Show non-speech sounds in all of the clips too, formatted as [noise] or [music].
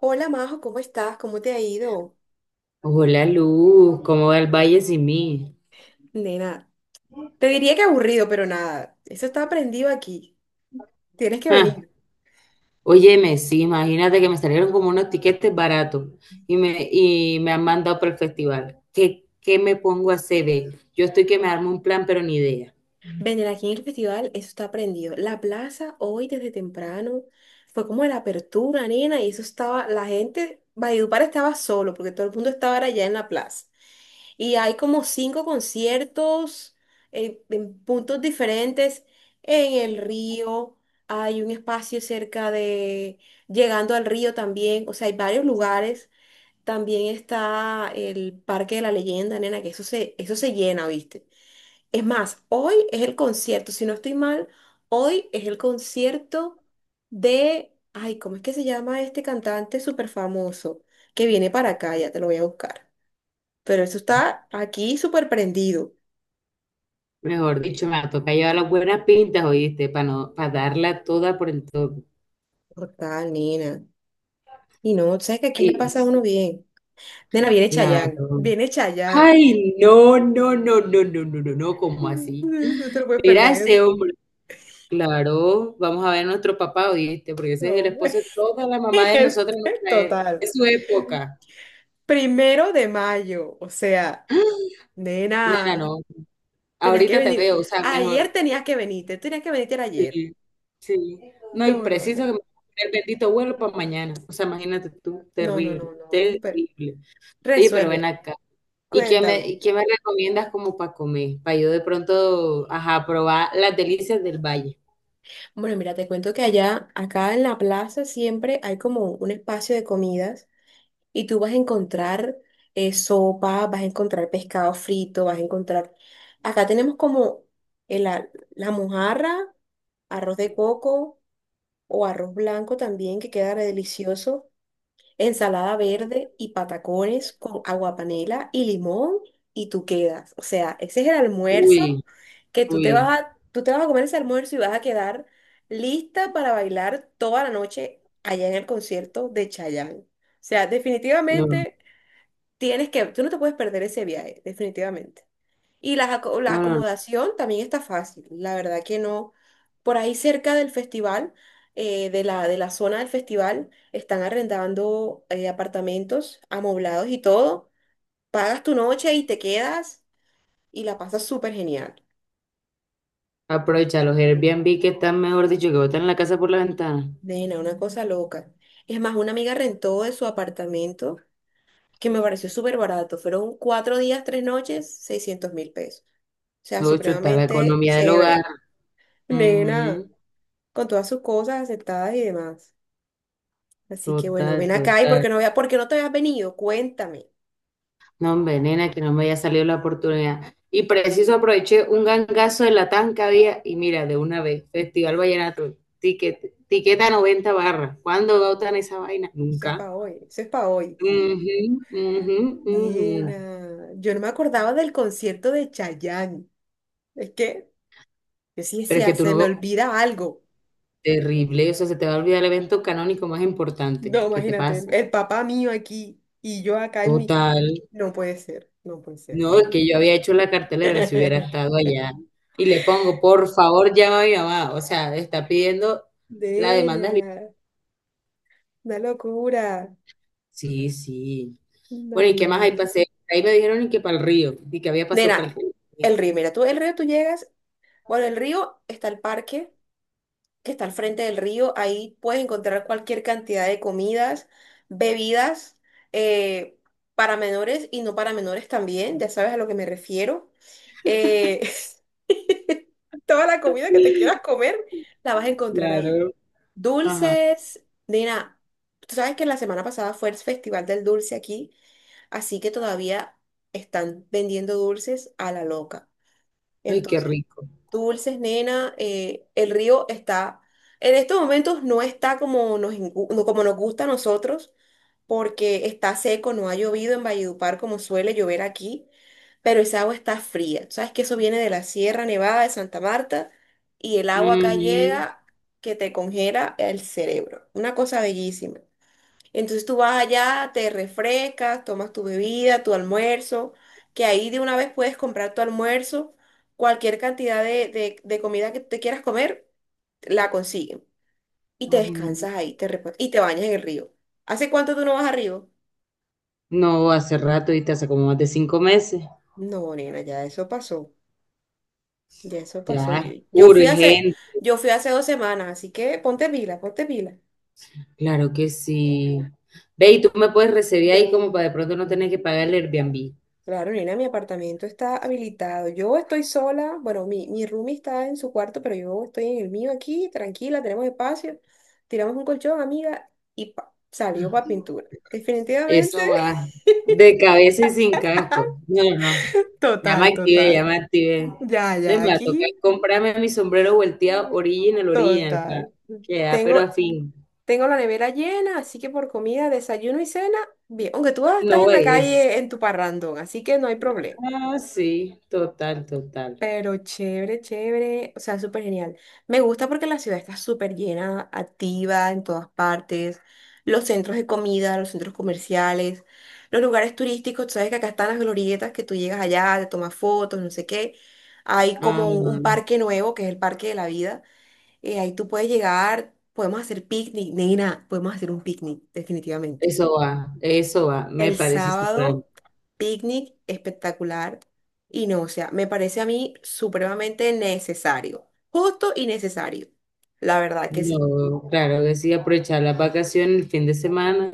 Hola Majo, ¿cómo estás? ¿Cómo te ha ido? Hola Luz, ¿cómo va el valle sin mí? Nena, te diría que aburrido, pero nada, eso está prendido aquí. Tienes que Ah, venir. óyeme, sí, imagínate que me salieron como unos tiquetes baratos y me han mandado para el festival. ¿Qué me pongo a hacer, ve? Yo estoy que me armo un plan, pero ni idea. Venir aquí en el festival, eso está prendido. La plaza hoy desde temprano fue como la apertura, nena, y eso estaba, la gente, Valledupar estaba solo, porque todo el mundo estaba allá en la plaza. Y hay como cinco conciertos en puntos diferentes, en el río, hay un espacio cerca de, llegando al río también, o sea, hay varios lugares. También está el Parque de la Leyenda, nena, que eso se llena, ¿viste? Es más, hoy es el concierto, si no estoy mal, hoy es el concierto de, ay, ¿cómo es que se llama este cantante súper famoso que viene para acá? Ya te lo voy a buscar. Pero eso está aquí súper prendido. Mejor dicho, me toca llevar las buenas pintas, oíste, para no, para darla toda por el todo. Total, nena. Y no, sabes que aquí la Ay, pasa uno bien. Nena, viene claro. Chayanne, viene Chayanne. Ay, no, no, no, no, no, no, no, no, ¿cómo [laughs] así? No te lo puedes Mira perder. ese hombre. Claro, vamos a ver a nuestro papá, ¿oíste? Porque ese es el No, esposo de toda la [laughs] mamá de el nosotros, en nuestra total. de su época. 1 de mayo, o sea, [gasps] Nena, nena, no. tenías que Ahorita te venir. veo, o sea, Ayer mejor. Tenías que venirte ayer. Sí, sí. No, y No, no, preciso no, que me el bendito vuelo para mañana. O sea, imagínate tú, no, no, terrible, no, no, pero terrible. Oye, pero ven resuelve, acá. Cuéntame. Y qué me recomiendas como para comer? Para yo de pronto, ajá, probar las delicias del valle. Bueno, mira, te cuento que allá, acá en la plaza siempre hay como un espacio de comidas y tú vas a encontrar sopa, vas a encontrar pescado frito, vas a encontrar... Acá tenemos como el a- la mojarra, arroz de coco o arroz blanco también, que queda re delicioso, ensalada verde y patacones con aguapanela y limón y tú quedas. O sea, ese es el almuerzo Uy, que tú te uy. vas a, tú te vas a comer ese almuerzo y vas a quedar lista para bailar toda la noche allá en el concierto de Chayanne. O sea, No, definitivamente tienes que, tú no te puedes perder ese viaje, definitivamente. Y la no, no, no. acomodación también está fácil, la verdad que no. Por ahí cerca del festival, de la zona del festival, están arrendando apartamentos amoblados y todo. Pagas tu noche y te quedas y la pasas súper genial. Aprovecha los Airbnb que están, mejor dicho, que botan la casa por la ventana. Nena, una cosa loca. Es más, una amiga rentó de su apartamento que me pareció súper barato. Fueron 4 días, 3 noches, 600.000 pesos. O sea, No, chutar la supremamente economía del hogar. chévere. Nena, Ujú, con todas sus cosas aceptadas y demás. Así que bueno, total, ven acá y total. porque no vea, porque no te habías venido, cuéntame. No, hombre, nena, que no me haya salido la oportunidad. Y preciso aproveché un gangazo de la que había y mira, de una vez, Festival Vallenato, tiqueta 90 barras. ¿Cuándo Mm. botan esa vaina? Eso es Nunca. para hoy, eso es para hoy. Ujú, ujú, ujú. Nena, yo no me acordaba del concierto de Chayanne. Es que yo sí Pero es que decía, tú se me no... olvida algo. Terrible, o sea, se te va a olvidar el evento canónico más importante. No, ¿Qué te imagínate, el, pasa? el papá mío aquí y yo acá en mi. Total. No puede ser, no puede ser, No, es no. que yo había hecho la cartelera si hubiera [laughs] estado allá. Y le pongo, por favor, llama a mi mamá. O sea, está pidiendo la demanda. Del... Nena, una locura. sí, sí. Bueno, No, ¿y qué no, más hay no. paseo? Ahí me dijeron y que para el río, y que había pasado para el Nena, río. el río, mira, tú el río tú llegas, bueno, el río está el parque que está al frente del río. Ahí puedes encontrar cualquier cantidad de comidas, bebidas, eh, para menores y no para menores también, ya sabes a lo que me refiero. Eh, [laughs] toda la comida que te quieras [laughs] comer la vas a encontrar ahí. Claro. Ajá. Dulces, Nina, tú sabes que la semana pasada fue el Festival del Dulce aquí, así que todavía están vendiendo dulces a la loca. Ay, qué Entonces rico. dulces, nena, el río está, en estos momentos no está como nos, como nos gusta a nosotros, porque está seco, no ha llovido en Valledupar como suele llover aquí, pero esa agua está fría. Sabes que eso viene de la Sierra Nevada de Santa Marta y el agua acá Ujú, llega que te congela el cerebro. Una cosa bellísima. Entonces tú vas allá, te refrescas, tomas tu bebida, tu almuerzo, que ahí de una vez puedes comprar tu almuerzo, cualquier cantidad de, de comida que te quieras comer, la consiguen. Y te ujú. descansas ahí, y te bañas en el río. ¿Hace cuánto tú no vas al río? No, hace rato, y hace como más de 5 meses. No, nena, ya eso pasó. Ya eso pasó. Yo, Ya, yo fui hace, urgente. yo fui hace 2 semanas, así que ponte pila, ponte pila. Claro que sí. Ve, y tú me puedes recibir ahí como para de pronto no tener que pagar el Airbnb. Claro, Nina, mi apartamento está habilitado. Yo estoy sola, bueno, mi roomie está en su cuarto, pero yo estoy en el mío aquí, tranquila, tenemos espacio. Tiramos un colchón, amiga, y pa, salió para pintura. Definitivamente. Eso va [laughs] de cabeza y sin casco. No, no. Ya me Total, activé, ya total. me activé. Ya, De ya, me va a aquí. tocar comprarme mi sombrero volteado mm, original, original, pa. Total. Queda, pero Tengo, a fin. tengo la nevera llena, así que por comida, desayuno y cena, bien. Aunque tú estás No en la es. calle en tu parrandón, así que no hay problema. Ah, sí, total, total. Pero chévere, chévere, o sea, súper genial. Me gusta porque la ciudad está súper llena, activa en todas partes. Los centros de comida, los centros comerciales, los lugares turísticos, tú sabes que acá están las glorietas, que tú llegas allá, te tomas fotos, no sé qué. Hay Ah, como un parque nuevo, que es el Parque de la Vida. Ahí tú puedes llegar, podemos hacer picnic, nena, podemos hacer un picnic, definitivamente. eso va, eso va. Me El parece ese plan. sábado, picnic espectacular. Y no, o sea, me parece a mí supremamente necesario. Justo y necesario. La verdad que sí. No, claro que sí, aprovechar las vacaciones el fin de semana,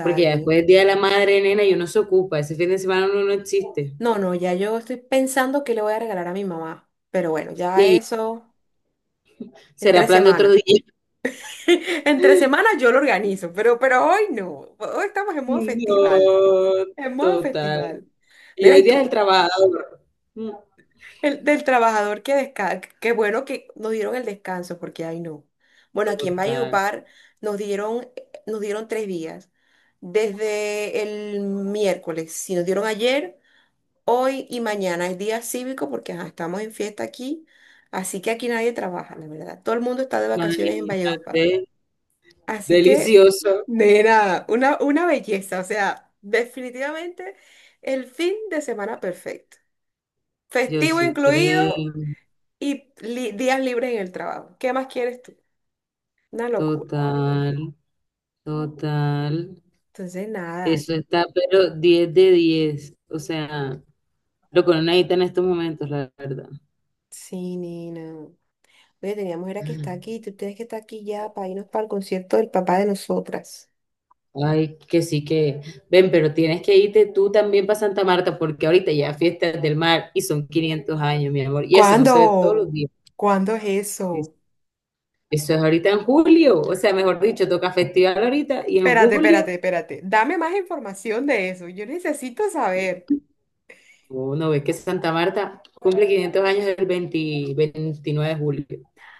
porque ya después del Día de la Madre, nena, y uno se ocupa. Ese fin de semana uno no existe. No, no, ya yo estoy pensando qué le voy a regalar a mi mamá. Pero bueno, ya Sí, eso en será tres plan de otro semanas. día. [laughs] En 3 semanas [laughs] yo lo organizo, pero hoy no. Hoy estamos en modo festival. No, En modo total. festival. Y Nena, hoy ¿y día es tú? el trabajador. Mm, El, del trabajador que descansa. Qué bueno que nos dieron el descanso, porque ay no. Bueno, aquí en total. Valledupar nos dieron, nos dieron 3 días. Desde el miércoles, si nos dieron ayer, hoy y mañana es día cívico porque ajá, estamos en fiesta aquí. Así que aquí nadie trabaja, la verdad. Todo el mundo está de vacaciones en Valledupar. Imagínate. Así que, Delicioso. nena, una belleza. O sea, definitivamente el fin de semana perfecto. Yo Festivo sí creo. incluido y días libres en el trabajo. ¿Qué más quieres tú? Una locura. Total. Total. Entonces, nada, Eso está, pero diez de diez. O sea, lo que uno necesita en estos momentos, la verdad. sí, nena. Oye, teníamos era que está aquí, tú tienes que estar aquí ya para irnos para el concierto del papá de nosotras. Ay, que sí que. Ven, pero tienes que irte tú también para Santa Marta, porque ahorita ya fiestas del mar y son 500 años, mi amor. Y eso no se ve todos los ¿Cuándo? días. ¿Cuándo es Sí, eso? eso es ahorita en julio, o sea, mejor dicho, toca festival ahorita y en Espérate, julio, espérate, espérate. Dame más información de eso. Yo necesito saber. uno ve que Santa Marta cumple 500 años el 20 29 de julio.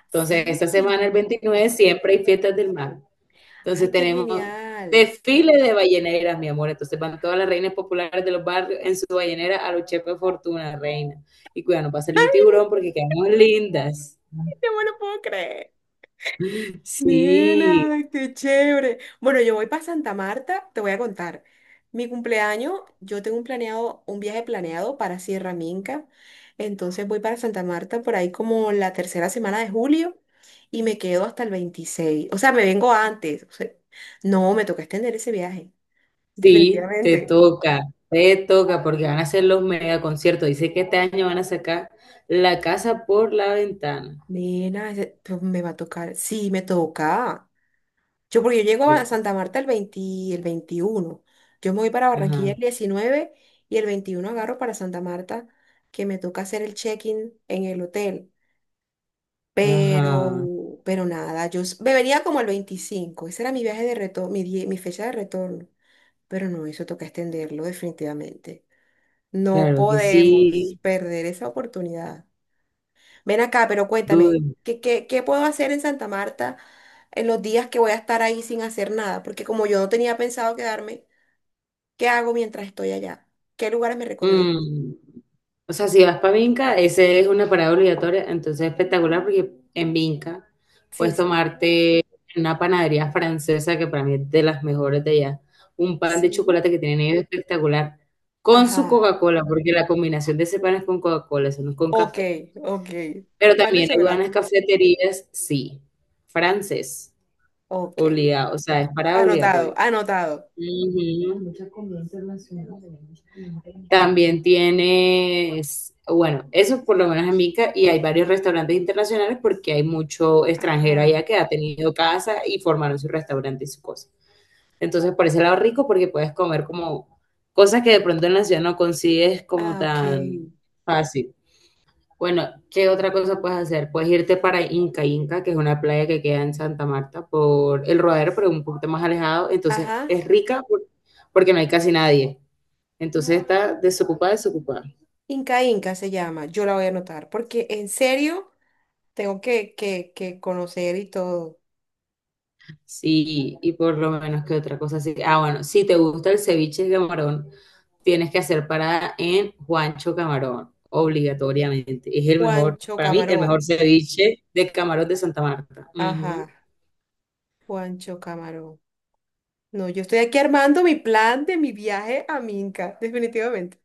Entonces, esta semana, el Sí. 29 siempre hay fiestas del mar. Entonces, Ay, qué tenemos genial. desfile de balleneras, mi amor. Entonces, van todas las reinas populares de los barrios en su ballenera a los chefes Fortuna, reina. Y cuidado, no va a un tiburón porque quedamos lindas. No me lo puedo creer. Sí, Nena, qué chévere. Bueno, yo voy para Santa Marta, te voy a contar. Mi cumpleaños, yo tengo un viaje planeado para Sierra Minca. Entonces voy para Santa Marta por ahí como la tercera semana de julio y me quedo hasta el 26. O sea, me vengo antes. O sea, no, me toca extender ese viaje. sí, Definitivamente. Te toca, porque van a hacer los mega conciertos. Dice que este año van a sacar la casa por la ventana. Nena, pues me va a tocar. Sí, me toca. Yo, porque yo llego Yo, a Santa Marta el 20, el 21. Yo me voy para Barranquilla ajá, el 19 y el 21 agarro para Santa Marta, que me toca hacer el check-in en el hotel. ajá, Pero nada, me venía como el 25. Ese era mi viaje de retorno, mi fecha de retorno. Pero no, eso toca extenderlo definitivamente. No claro que podemos sí, perder esa oportunidad. Ven acá, pero cuéntame, dude. Qué, puedo hacer en Santa Marta en los días que voy a estar ahí sin hacer nada? Porque como yo no tenía pensado quedarme, ¿qué hago mientras estoy allá? ¿Qué lugares me recomiendas? Mm, o sea, si vas para Vinca, ese es una parada obligatoria, entonces es espectacular porque en Vinca Sí, puedes sí. tomarte una panadería francesa que para mí es de las mejores de allá. Un pan de Sí. chocolate que tienen ellos espectacular con Ajá. su Coca-Cola, porque la combinación de ese pan es con Coca-Cola, eso no es con Ok, café. ok. Pero Pan de también hay chocolate. buenas cafeterías, sí, francés, Ok. obligado, o sea, es parada Anotado, obligatoria. anotado. Ujú. También tienes, bueno, eso por lo menos en Mica, y hay varios restaurantes internacionales porque hay mucho extranjero allá Ajá. que ha tenido casa y formaron su restaurante y su cosa. Entonces, por ese lado rico porque puedes comer como cosas que de pronto en la ciudad no consigues como Ah, ok. tan fácil. Bueno, ¿qué otra cosa puedes hacer? Puedes irte para Inca Inca, que es una playa que queda en Santa Marta por el Rodadero, pero un poquito más alejado. Entonces Ajá. es rica porque no hay casi nadie. Entonces está desocupada, desocupada. Inca Inca se llama. Yo la voy a anotar porque en serio tengo que conocer y todo. Sí, y por lo menos que otra cosa así. Ah, bueno, si te gusta el ceviche de camarón, tienes que hacer parada en Juancho Camarón, obligatoriamente. Es el mejor, Juancho para mí, el Camarón. mejor ceviche de camarón de Santa Marta. Ajá. Juancho Camarón. No, yo estoy aquí armando mi plan de mi viaje a Minca, definitivamente.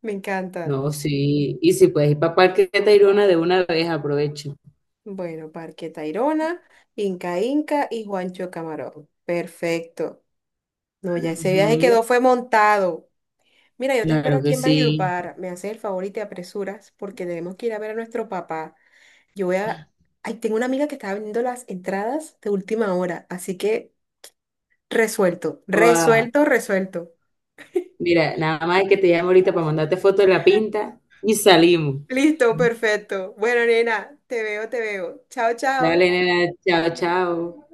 Me encanta. No, sí. Y si puedes ir para Parque Tayrona de una vez, aprovecho. Bueno, Parque Tayrona, Inca Inca y Juancho Camarón. Perfecto. No, ya ese viaje Ujú, quedó, fue montado. Mira, yo te espero claro aquí que en sí. Valledupar. Me haces el favor y te apresuras porque tenemos que ir a ver a nuestro papá. Yo voy a... Ay, tengo una amiga que está vendiendo las entradas de última hora, así que resuelto, Oa, resuelto, resuelto. mira, nada más que te llamo ahorita para mandarte foto de la pinta y salimos. Listo, perfecto. Bueno, nena, te veo, te veo. Chao, Dale, chao. nena, chao, chao.